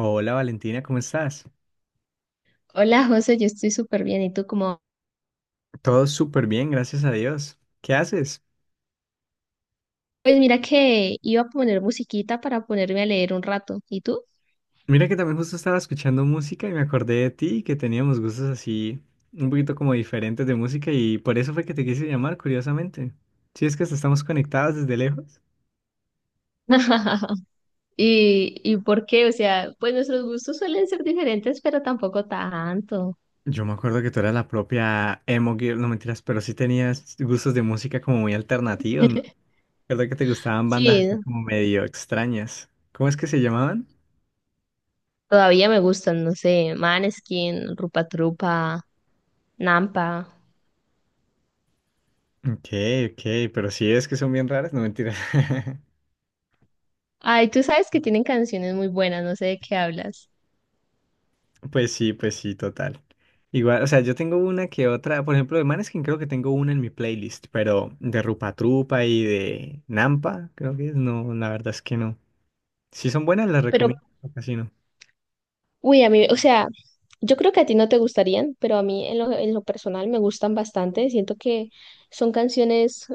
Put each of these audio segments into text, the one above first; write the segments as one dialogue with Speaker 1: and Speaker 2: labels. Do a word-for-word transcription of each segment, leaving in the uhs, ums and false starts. Speaker 1: Hola Valentina, ¿cómo estás?
Speaker 2: Hola José, yo estoy súper bien. ¿Y tú cómo?
Speaker 1: Todo súper bien, gracias a Dios. ¿Qué haces?
Speaker 2: Pues mira que iba a poner musiquita para ponerme a leer un rato. ¿Y tú?
Speaker 1: Mira que también justo estaba escuchando música y me acordé de ti y que teníamos gustos así un poquito como diferentes de música y por eso fue que te quise llamar, curiosamente. Si es que hasta estamos conectados desde lejos.
Speaker 2: ¿Y, y por qué? O sea, pues nuestros gustos suelen ser diferentes, pero tampoco tanto.
Speaker 1: Yo me acuerdo que tú eras la propia emo girl, no mentiras, pero sí tenías gustos de música como muy alternativos, ¿no? Recuerdo que te gustaban bandas
Speaker 2: Sí,
Speaker 1: así como medio extrañas. ¿Cómo es que se llamaban?
Speaker 2: todavía me gustan, no sé, Maneskin, Rupa Trupa, Nampa.
Speaker 1: Ok, ok, pero sí es que son bien raras, no mentiras.
Speaker 2: Ay, tú sabes que tienen canciones muy buenas, no sé de qué hablas.
Speaker 1: Pues sí, pues sí, total. Igual, o sea, yo tengo una que otra, por ejemplo, de Maneskin creo que tengo una en mi playlist, pero de Rupa Trupa y de Nampa, creo que es, no, la verdad es que no. Si son buenas, las
Speaker 2: Pero,
Speaker 1: recomiendo, o casi no.
Speaker 2: uy, a mí, o sea, yo creo que a ti no te gustarían, pero a mí en lo, en lo personal me gustan bastante. Siento que son canciones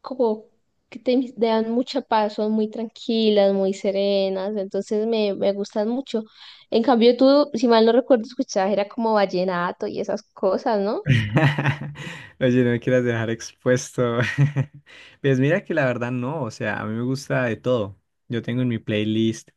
Speaker 2: como que te te dan mucha paz, son muy tranquilas, muy serenas, entonces me, me gustan mucho. En cambio, tú, si mal no recuerdo, escuchabas, era como vallenato y esas cosas, ¿no?
Speaker 1: Oye, no me quieras dejar expuesto. Pues mira que la verdad no, o sea, a mí me gusta de todo. Yo tengo en mi playlist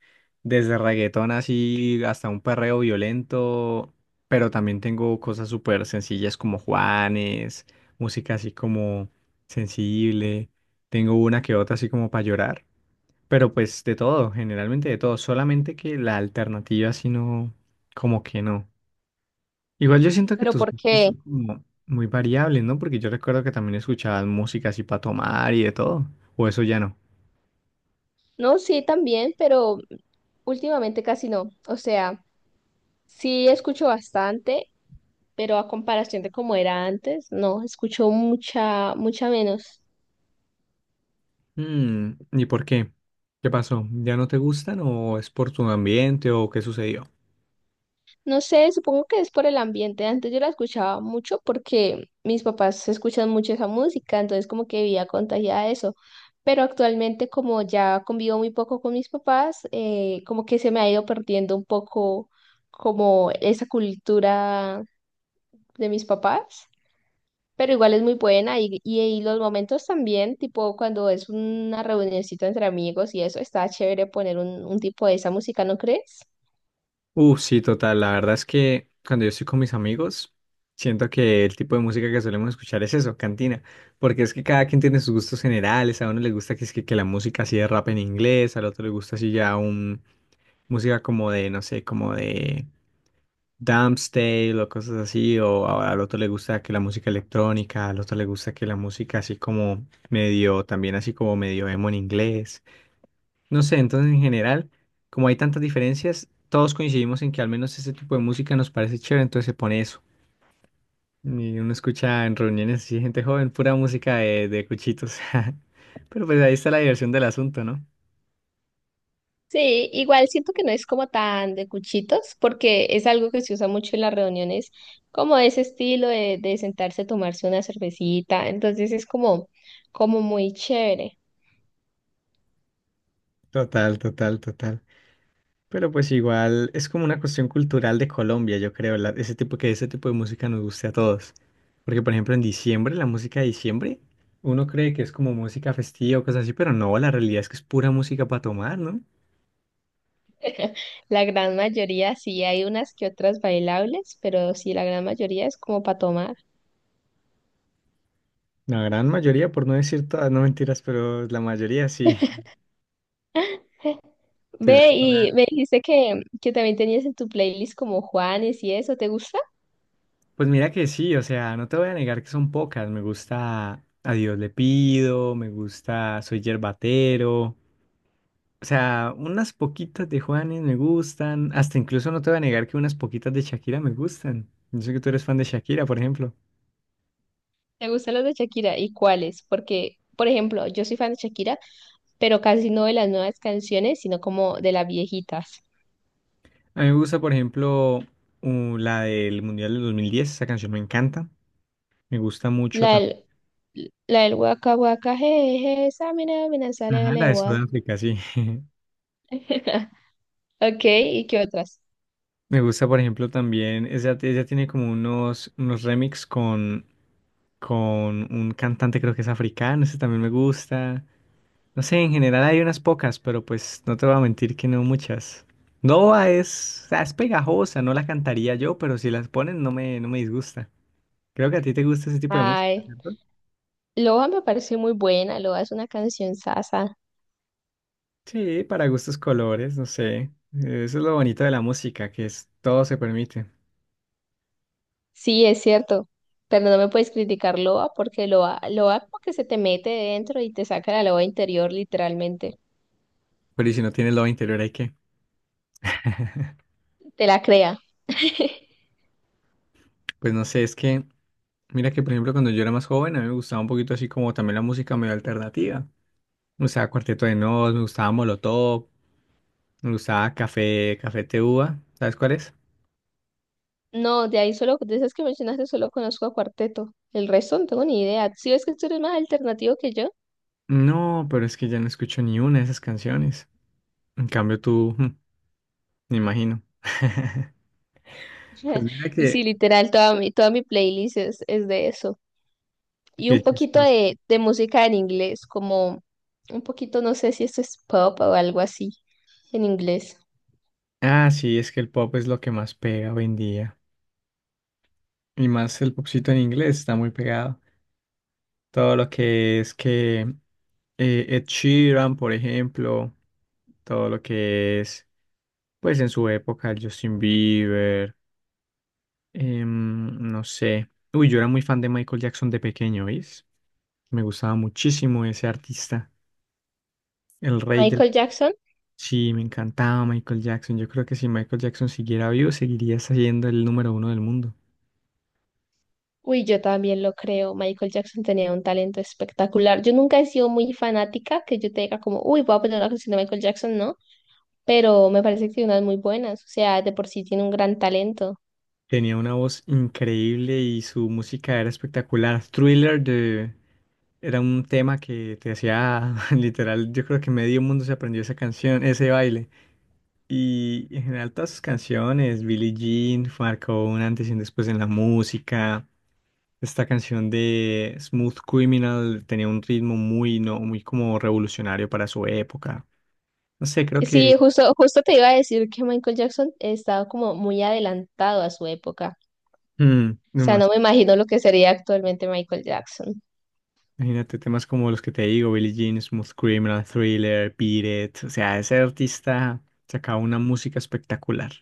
Speaker 1: desde reggaetón así hasta un perreo violento, pero también tengo cosas súper sencillas como Juanes, música así como sensible. Tengo una que otra así como para llorar, pero pues de todo, generalmente de todo. Solamente que la alternativa así no, como que no. Igual yo siento que
Speaker 2: Pero
Speaker 1: tus
Speaker 2: ¿por
Speaker 1: gustos
Speaker 2: qué?
Speaker 1: son como muy variables, ¿no? Porque yo recuerdo que también escuchabas música así para tomar y de todo. O eso ya no.
Speaker 2: No, sí, también, pero últimamente casi no. O sea, sí escucho bastante, pero a comparación de como era antes, no, escucho mucha, mucha menos.
Speaker 1: Mm, ¿y por qué? ¿Qué pasó? ¿Ya no te gustan o es por tu ambiente o qué sucedió?
Speaker 2: No sé, supongo que es por el ambiente. Antes yo la escuchaba mucho porque mis papás escuchan mucho esa música, entonces como que vivía contagiada de eso. Pero actualmente como ya convivo muy poco con mis papás, eh, como que se me ha ido perdiendo un poco como esa cultura de mis papás. Pero igual es muy buena y, y, y los momentos también, tipo cuando es una reunioncita entre amigos y eso, está chévere poner un, un tipo de esa música, ¿no crees?
Speaker 1: Uh, sí, total. La verdad es que cuando yo estoy con mis amigos, siento que el tipo de música que solemos escuchar es eso, cantina. Porque es que cada quien tiene sus gustos generales. A uno le gusta que, es que, que la música así de rap en inglés, al otro le gusta así ya un música como de, no sé, como de Dance o cosas así, o a- al otro le gusta que la música electrónica, al otro le gusta que la música así como medio, también así como medio emo en inglés. No sé, entonces en general, como hay tantas diferencias, todos coincidimos en que al menos este tipo de música nos parece chévere, entonces se pone eso. Y uno escucha en reuniones así, gente joven, pura música de, de cuchitos. Pero pues ahí está la diversión del asunto, ¿no?
Speaker 2: Sí, igual siento que no es como tan de cuchitos, porque es algo que se usa mucho en las reuniones, como ese estilo de, de sentarse a tomarse una cervecita, entonces es como, como muy chévere.
Speaker 1: Total, total, total. Pero pues igual es como una cuestión cultural de Colombia, yo creo, la- ese tipo que ese tipo de música nos guste a todos. Porque por ejemplo en diciembre, la música de diciembre, uno cree que es como música festiva o cosas así, pero no, la realidad es que es pura música para tomar, ¿no?
Speaker 2: La gran mayoría sí hay unas que otras bailables, pero sí, la gran mayoría es como para tomar.
Speaker 1: La gran mayoría, por no decir todas, no mentiras, pero la mayoría sí.
Speaker 2: Ve
Speaker 1: Tendremos
Speaker 2: y me
Speaker 1: una-
Speaker 2: dijiste que, que también tenías en tu playlist como Juanes y eso, ¿te gusta?
Speaker 1: Pues mira que sí, o sea, no te voy a negar que son pocas. Me gusta A Dios le pido, me gusta Soy Yerbatero. O sea, unas poquitas de Juanes me gustan. Hasta incluso no te voy a negar que unas poquitas de Shakira me gustan. Yo sé que tú eres fan de Shakira, por ejemplo.
Speaker 2: ¿Te gustan los de Shakira? ¿Y cuáles? Porque, por ejemplo, yo soy fan de Shakira, pero casi no de las nuevas canciones, sino como de las viejitas.
Speaker 1: A mí me gusta, por ejemplo, uh, la del Mundial del dos mil diez. Esa canción me encanta. Me gusta mucho
Speaker 2: La
Speaker 1: también.
Speaker 2: del, la del waka waka, jeje, esa mina, mina, sale de
Speaker 1: Ajá, la de
Speaker 2: legua.
Speaker 1: Sudáfrica, sí.
Speaker 2: Ok, ¿y qué otras?
Speaker 1: Me gusta, por ejemplo, también. Ella, ella tiene como unos, unos remix con, con un cantante, creo que es africano. Ese también me gusta. No sé, en general hay unas pocas, pero pues no te voy a mentir que no muchas. Nova es, o sea, es pegajosa, no la cantaría yo, pero si las ponen no me, no me disgusta. Creo que a ti te gusta ese tipo de música,
Speaker 2: Ay,
Speaker 1: ¿cierto?
Speaker 2: loa me parece muy buena, loa es una canción sasa.
Speaker 1: Sí, para gustos colores, no sé. Eso es lo bonito de la música, que es todo se permite.
Speaker 2: Sí, es cierto, pero no me puedes criticar loa porque loa loa como que se te mete dentro y te saca la loa interior literalmente,
Speaker 1: Pero y si no tienes lo interior, hay que.
Speaker 2: te la crea.
Speaker 1: Pues no sé, es que, mira que por ejemplo cuando yo era más joven, a mí me gustaba un poquito así como también la música medio alternativa. Me gustaba Cuarteto de Nos, me gustaba Molotov, me gustaba Café, Café Tacuba. ¿Sabes cuál es?
Speaker 2: No, de ahí solo, de esas que mencionaste, solo conozco a Cuarteto, el resto no tengo ni idea. Si ves que tú eres más alternativo que yo.
Speaker 1: No, pero es que ya no escucho ni una de esas canciones. En cambio tú, mm, me imagino. Pues mira
Speaker 2: Sí,
Speaker 1: que,
Speaker 2: literal, toda mi, toda mi playlist es, es de eso. Y un
Speaker 1: qué
Speaker 2: poquito
Speaker 1: chistoso.
Speaker 2: de, de música en inglés, como un poquito, no sé si esto es pop o algo así en inglés.
Speaker 1: Ah, sí, es que el pop es lo que más pega hoy en día. Y más el popcito en inglés está muy pegado. Todo lo que es que eh, Ed Sheeran, por ejemplo, todo lo que es, pues en su época, Justin Bieber, em, no sé. Uy, yo era muy fan de Michael Jackson de pequeño, ¿veis? Me gustaba muchísimo ese artista. El rey del...
Speaker 2: Michael Jackson,
Speaker 1: Sí, me encantaba Michael Jackson. Yo creo que si Michael Jackson siguiera vivo, seguiría siendo el número uno del mundo.
Speaker 2: uy, yo también lo creo. Michael Jackson tenía un talento espectacular. Yo nunca he sido muy fanática, que yo te diga como, uy, voy a poner una canción de Michael Jackson, ¿no? Pero me parece que tiene unas muy buenas. O sea, de por sí tiene un gran talento.
Speaker 1: Tenía una voz increíble y su música era espectacular. Thriller de... era un tema que te hacía literal, yo creo que medio mundo se aprendió esa canción, ese baile. Y en general todas sus canciones, Billie Jean, marcó un antes y un después en la música. Esta canción de Smooth Criminal tenía un ritmo muy, no, muy como revolucionario para su época. No sé, creo que...
Speaker 2: Sí, justo, justo te iba a decir que Michael Jackson estaba como muy adelantado a su época.
Speaker 1: mm,
Speaker 2: O
Speaker 1: no
Speaker 2: sea,
Speaker 1: más.
Speaker 2: no me imagino lo que sería actualmente Michael Jackson.
Speaker 1: Imagínate temas como los que te digo, Billie Jean, Smooth Criminal, Thriller, Beat It. O sea, ese artista sacaba una música espectacular.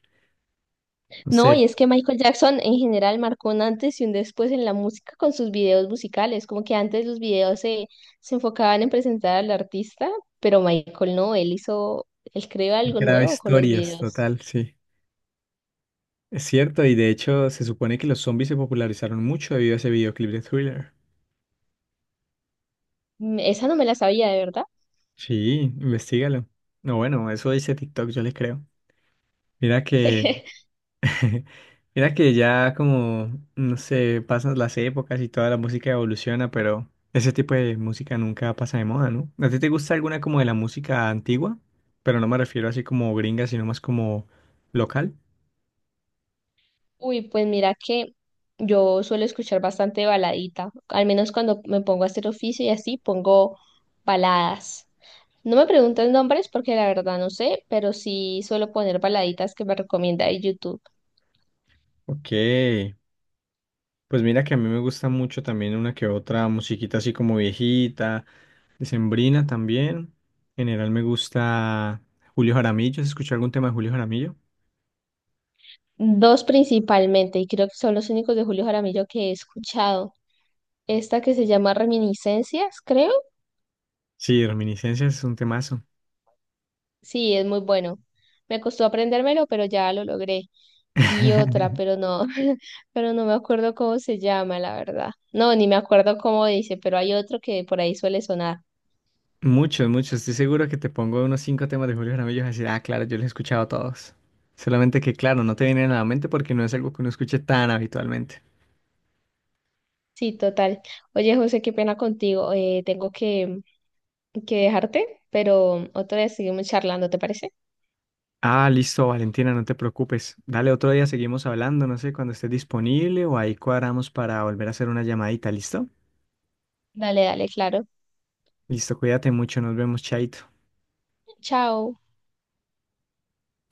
Speaker 1: No
Speaker 2: No,
Speaker 1: sé,
Speaker 2: y es que Michael Jackson en general marcó un antes y un después en la música con sus videos musicales. Como que antes los videos se, se enfocaban en presentar al artista, pero Michael no, él hizo, él creó
Speaker 1: él
Speaker 2: algo
Speaker 1: creaba
Speaker 2: nuevo con los
Speaker 1: historias,
Speaker 2: videos.
Speaker 1: total, sí. Es cierto, y de hecho se supone que los zombies se popularizaron mucho debido a ese videoclip de Thriller.
Speaker 2: Mm, esa no me la sabía, de verdad.
Speaker 1: Sí, investigalo. No, bueno, eso dice TikTok, yo le creo. Mira que Mira que ya como, no sé, pasan las épocas y toda la música evoluciona, pero ese tipo de música nunca pasa de moda, ¿no? ¿A ti te gusta alguna como de la música antigua? Pero no me refiero así como gringa, sino más como local.
Speaker 2: Uy, pues mira que yo suelo escuchar bastante baladita, al menos cuando me pongo a hacer oficio y así pongo baladas. No me pregunten nombres porque la verdad no sé, pero sí suelo poner baladitas que me recomienda de YouTube.
Speaker 1: Ok, pues mira que a mí me gusta mucho también una que otra musiquita así como viejita, decembrina también. En general me gusta Julio Jaramillo, ¿has escuchado algún tema de Julio Jaramillo?
Speaker 2: Dos principalmente, y creo que son los únicos de Julio Jaramillo que he escuchado. Esta que se llama Reminiscencias, creo.
Speaker 1: Sí, Reminiscencias es un temazo.
Speaker 2: Sí, es muy bueno. Me costó aprendérmelo, pero ya lo logré. Y otra, pero no, pero no me acuerdo cómo se llama, la verdad. No, ni me acuerdo cómo dice, pero hay otro que por ahí suele sonar.
Speaker 1: Muchos, muchos. Estoy seguro que te pongo unos cinco temas de Julio Jaramillo y vas a decir, ah, claro, yo los he escuchado todos. Solamente que, claro, no te vienen a la mente porque no es algo que uno escuche tan habitualmente.
Speaker 2: Sí, total. Oye, José, qué pena contigo. Eh, tengo que que dejarte, pero otra vez seguimos charlando, ¿te parece?
Speaker 1: Ah, listo, Valentina, no te preocupes. Dale, otro día seguimos hablando, no sé, cuando estés disponible o ahí cuadramos para volver a hacer una llamadita, ¿listo?
Speaker 2: Dale, dale, claro.
Speaker 1: Listo, cuídate mucho, nos vemos, chaito.
Speaker 2: Chao.